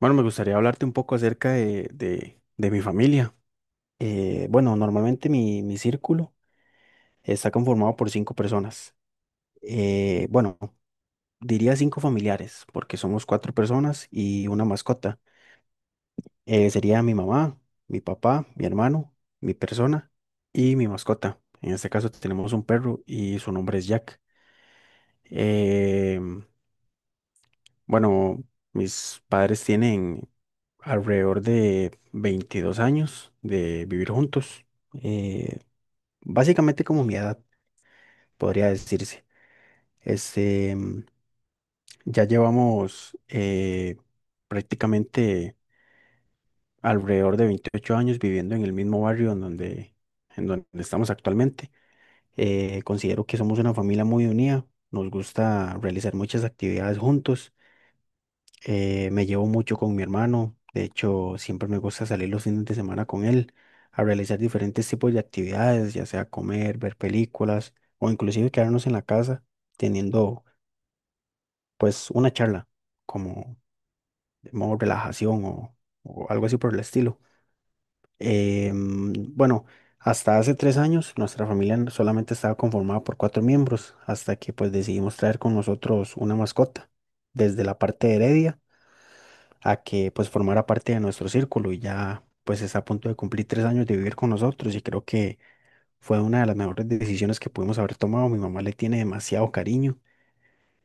Bueno, me gustaría hablarte un poco acerca de mi familia. Bueno, normalmente mi círculo está conformado por cinco personas. Bueno, diría cinco familiares, porque somos cuatro personas y una mascota. Sería mi mamá, mi papá, mi hermano, mi persona y mi mascota. En este caso tenemos un perro y su nombre es Jack. Em, bueno, mis padres tienen alrededor de 22 años de vivir juntos, eh, básicamente como mi edad, podría decirse. Este, ya llevamos prácticamente alrededor de 28 años viviendo en el mismo barrio en donde estamos actualmente. Considero que somos una familia muy unida, nos gusta realizar muchas actividades juntos. Me llevo mucho con mi hermano. De hecho, siempre me gusta salir los fines de semana con él a realizar diferentes tipos de actividades, ya sea comer, ver películas o inclusive quedarnos en la casa teniendo pues una charla como de modo relajación o algo así por el estilo. Bueno, hasta hace 3 años nuestra familia solamente estaba conformada por cuatro miembros hasta que pues decidimos traer con nosotros una mascota desde la parte de Heredia, a que pues formara parte de nuestro círculo y ya pues está a punto de cumplir 3 años de vivir con nosotros y creo que fue una de las mejores decisiones que pudimos haber tomado. Mi mamá le tiene demasiado cariño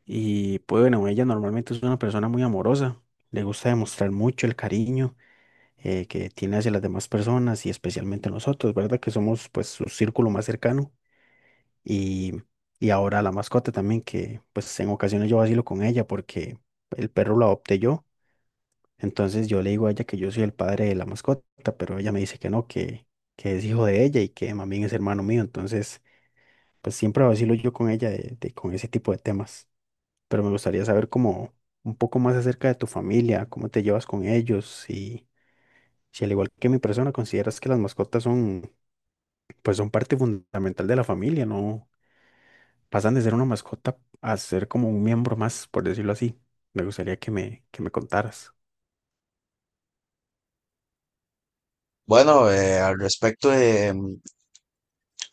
y pues bueno, ella normalmente es una persona muy amorosa, le gusta demostrar mucho el cariño que tiene hacia las demás personas y especialmente nosotros, ¿verdad? Que somos pues su círculo más cercano y, y ahora la mascota también que pues en ocasiones yo vacilo con ella porque el perro lo adopté yo, entonces yo le digo a ella que yo soy el padre de la mascota, pero ella me dice que no, que es hijo de ella y que más bien es hermano mío. Entonces, pues siempre vacilo yo con ella con ese tipo de temas. Pero me gustaría saber como un poco más acerca de tu familia, cómo te llevas con ellos y si al igual que mi persona consideras que las mascotas son, pues son parte fundamental de la familia, no pasan de ser una mascota a ser como un miembro más, por decirlo así. Me gustaría que me contaras. Bueno, al respecto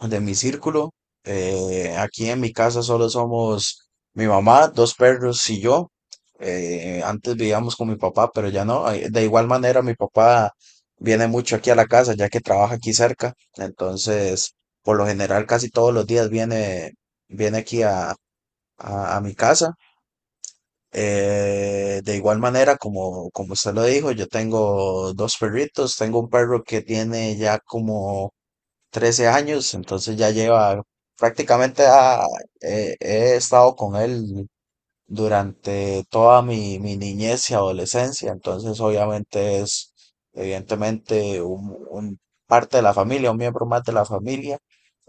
de mi círculo, aquí en mi casa solo somos mi mamá, dos perros y yo. Antes vivíamos con mi papá, pero ya no. De igual manera, mi papá viene mucho aquí a la casa, ya que trabaja aquí cerca. Entonces, por lo general, casi todos los días viene, viene aquí a, a mi casa. De igual manera, como usted lo dijo, yo tengo dos perritos. Tengo un perro que tiene ya como 13 años, entonces ya lleva prácticamente ha- he estado con él durante toda mi niñez y adolescencia, entonces obviamente es evidentemente un parte de la familia, un miembro más de la familia.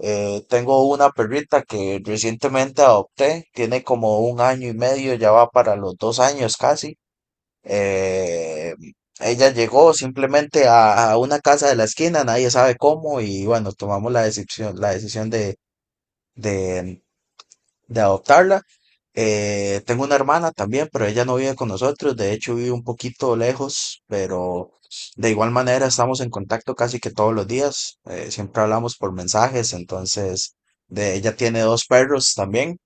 Tengo una perrita que recientemente adopté, tiene como un año y medio, ya va para los dos años casi. Eh, ella llegó simplemente a una casa de la esquina, nadie sabe cómo, y bueno, tomamos la decisión, de, de adoptarla. Tengo una hermana también, pero ella no vive con nosotros, de hecho vive un poquito lejos, pero de igual manera estamos en contacto casi que todos los días, siempre hablamos por mensajes, entonces de ella tiene dos perros también.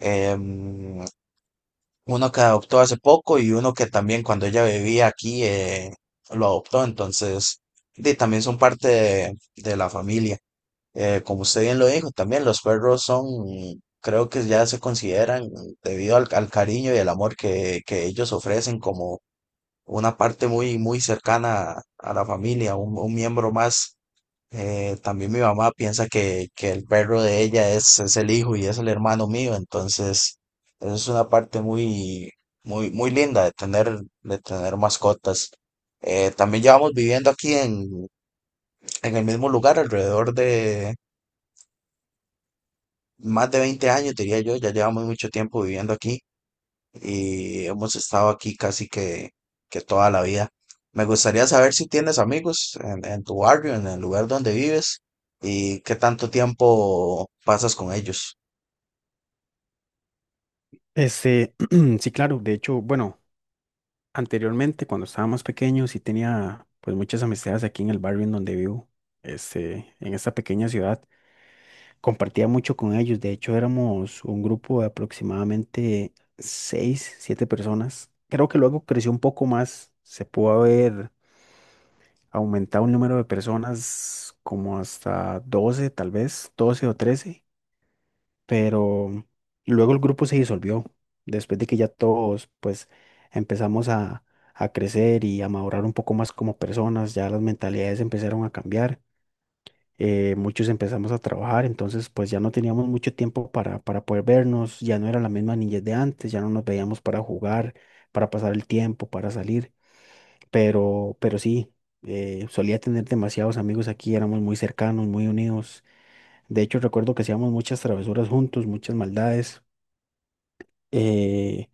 em, Uno que adoptó hace poco y uno que también cuando ella vivía aquí lo adoptó, entonces de, también son parte de la familia. Como usted bien lo dijo, también los perros son, creo que ya se consideran, debido al cariño y el amor que ellos ofrecen, como una parte muy, muy cercana a la familia, un miembro más. También mi mamá piensa que el perro de ella es el hijo y es el hermano mío, entonces eso es una parte muy, muy, muy linda de tener mascotas. También llevamos viviendo en el mismo lugar alrededor de más de 20 años, diría yo, ya llevamos mucho tiempo viviendo aquí. Y hemos estado aquí que toda la vida. Me gustaría saber si tienes amigos en tu barrio, en el lugar donde vives y qué tanto tiempo pasas con ellos. Este, sí, claro, de hecho, bueno. Anteriormente, cuando estábamos pequeños, sí tenía pues muchas amistades aquí en el barrio en donde vivo, este, en esta pequeña ciudad. Compartía mucho con ellos. De hecho, éramos un grupo de aproximadamente seis, siete personas. Creo que luego creció un poco más. Se pudo haber aumentado un número de personas como hasta 12, tal vez, 12 o 13, pero luego el grupo se disolvió, después de que ya todos pues empezamos a crecer y a madurar un poco más como personas, ya las mentalidades empezaron a cambiar, muchos empezamos a trabajar, entonces pues ya no teníamos mucho tiempo para poder vernos, ya no era la misma niñez de antes, ya no nos veíamos para jugar, para pasar el tiempo, para salir, pero sí. Solía tener demasiados amigos aquí, éramos muy cercanos, muy unidos. De hecho, recuerdo que hacíamos muchas travesuras juntos, muchas maldades, eh,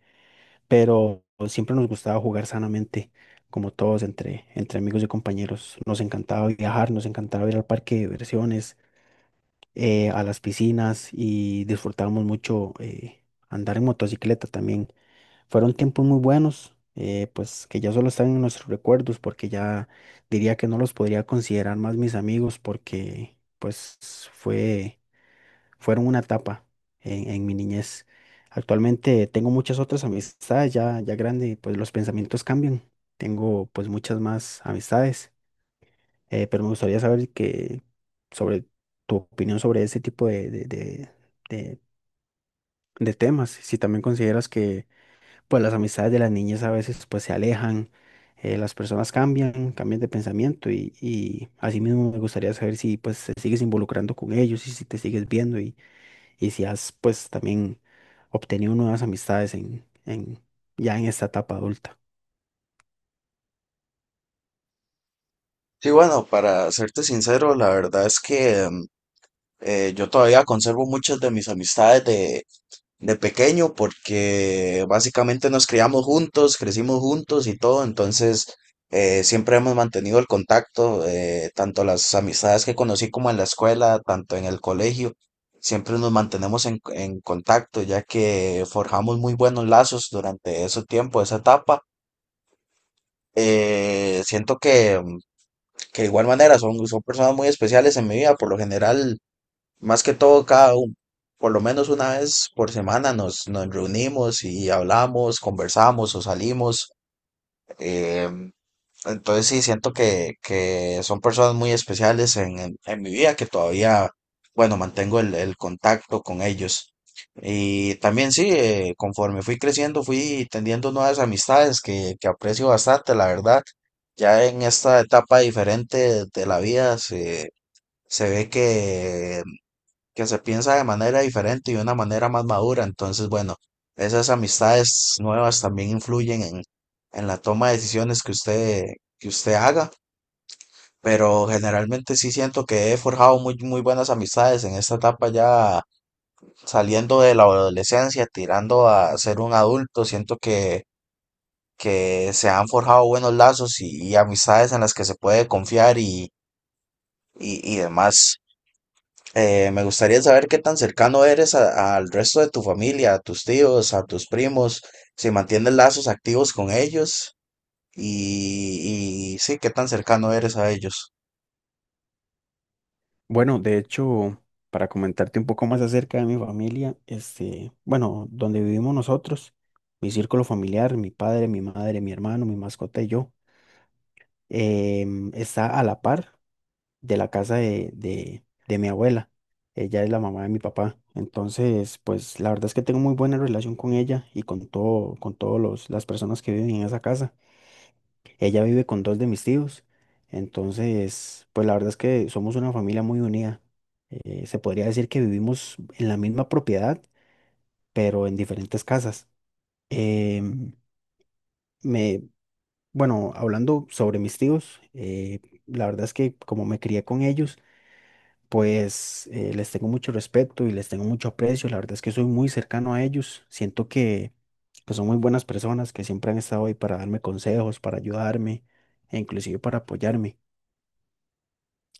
pero siempre nos gustaba jugar sanamente, como todos, entre amigos y compañeros. Nos encantaba viajar, nos encantaba ir al parque de diversiones, a las piscinas y disfrutábamos mucho andar en motocicleta también. Fueron tiempos muy buenos, pues que ya solo están en nuestros recuerdos, porque ya diría que no los podría considerar más mis amigos, porque pues fue fueron una etapa en mi niñez. Actualmente tengo muchas otras amistades ya grande, y pues los pensamientos cambian. Tengo pues muchas más amistades, pero me gustaría saber que sobre tu opinión sobre ese tipo de- de temas. Si también consideras que pues las amistades de las niñas a veces pues se alejan, las personas cambian, cambian de pensamiento y asimismo me gustaría saber si pues te sigues involucrando con ellos y si te sigues viendo y si has pues también obtenido nuevas amistades ya en esta etapa adulta. Sí, bueno, para serte sincero, la verdad es que yo todavía conservo muchas de mis amistades de pequeño porque básicamente nos criamos juntos, crecimos juntos y todo, entonces siempre hemos mantenido el contacto, tanto las amistades que conocí como en la escuela, tanto en el colegio, siempre nos mantenemos en contacto ya que forjamos muy buenos lazos durante ese tiempo, esa etapa. Siento que de igual manera son, son personas muy especiales en mi vida, por lo general más que todo, cada uno, por lo menos una vez por semana nos reunimos y hablamos, conversamos o salimos. em, entonces sí, siento que son personas muy especiales en mi vida que todavía, bueno, mantengo el contacto con ellos. Y también sí, conforme fui creciendo, fui tendiendo nuevas amistades que aprecio bastante, la verdad. Ya en esta etapa diferente de la vida se ve que se piensa de manera diferente y de una manera más madura. Entonces, bueno, esas amistades nuevas también influyen en la toma de decisiones que usted haga. Pero generalmente sí siento que he forjado muy, muy buenas amistades en esta etapa ya saliendo de la adolescencia, tirando a ser un adulto. Siento que se han forjado buenos lazos y amistades en las que se puede confiar y demás. Me gustaría saber qué tan cercano eres al resto de tu familia, a tus tíos, a tus primos, si mantienes lazos activos con ellos y sí, qué tan cercano eres a ellos. Bueno, de hecho, para comentarte un poco más acerca de mi familia, este, bueno, donde vivimos nosotros, mi círculo familiar, mi padre, mi madre, mi hermano, mi mascota y yo, está a la par de la casa de mi abuela. Ella es la mamá de mi papá. Entonces, pues la verdad es que tengo muy buena relación con ella y con todo, con todos los, las personas que viven en esa casa. Ella vive con dos de mis tíos. Entonces, pues la verdad es que somos una familia muy unida. Se podría decir que vivimos en la misma propiedad, pero en diferentes casas. Em, me, bueno, hablando sobre mis tíos, la verdad es que como me crié con ellos, pues les tengo mucho respeto y les tengo mucho aprecio. La verdad es que soy muy cercano a ellos. Siento que son muy buenas personas que siempre han estado ahí para darme consejos, para ayudarme e inclusive para apoyarme.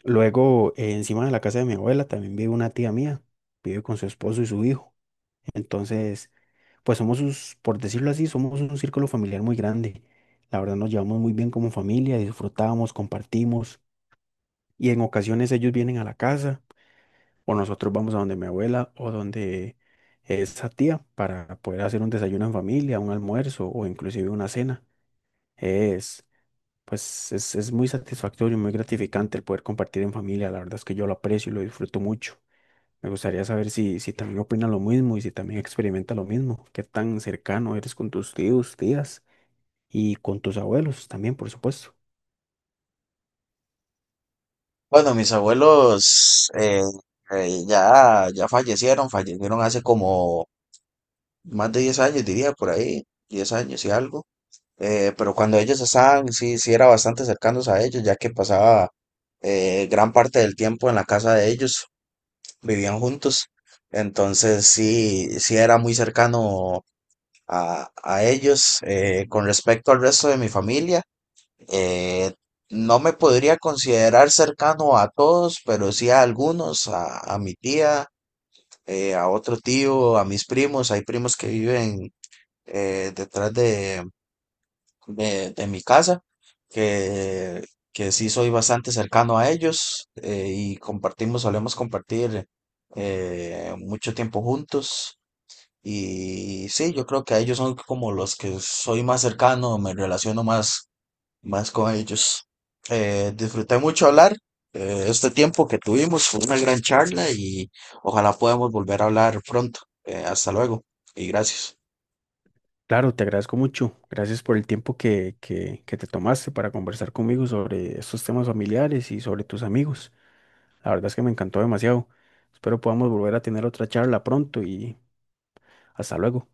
Luego, encima de la casa de mi abuela también vive una tía mía, vive con su esposo y su hijo. Entonces, pues somos sus, por decirlo así, somos un círculo familiar muy grande. La verdad nos llevamos muy bien como familia, disfrutamos, compartimos y en ocasiones ellos vienen a la casa o nosotros vamos a donde mi abuela o donde esa tía para poder hacer un desayuno en familia, un almuerzo o inclusive una cena. Pues es muy satisfactorio y muy gratificante el poder compartir en familia. La verdad es que yo lo aprecio y lo disfruto mucho. Me gustaría saber si también opina lo mismo y si también experimenta lo mismo. Qué tan cercano eres con tus tíos, tías y con tus abuelos también, por supuesto. Bueno, mis abuelos ya fallecieron, fallecieron hace como más de 10 años, diría por ahí, 10 años y algo. Pero cuando ellos estaban, sí era bastante cercanos a ellos, ya que pasaba gran parte del tiempo en la casa de ellos. Vivían juntos. Entonces sí era muy cercano a ellos. Con respecto al resto de mi familia, eh, no me podría considerar cercano a todos, pero sí a algunos, a mi tía, a otro tío, a mis primos. Hay primos que viven eh, detrás de, de mi casa, que, que sí soy bastante cercano a ellos y solemos compartir mucho tiempo juntos. Y sí, yo creo que a ellos son como los que soy más cercano, me relaciono más, más con ellos. Disfruté mucho hablar este tiempo que tuvimos, fue una gran charla y ojalá podamos volver a hablar pronto. Hasta luego y gracias. Claro, te agradezco mucho. Gracias por el tiempo que te tomaste para conversar conmigo sobre estos temas familiares y sobre tus amigos. La verdad es que me encantó demasiado. Espero podamos volver a tener otra charla pronto y hasta luego.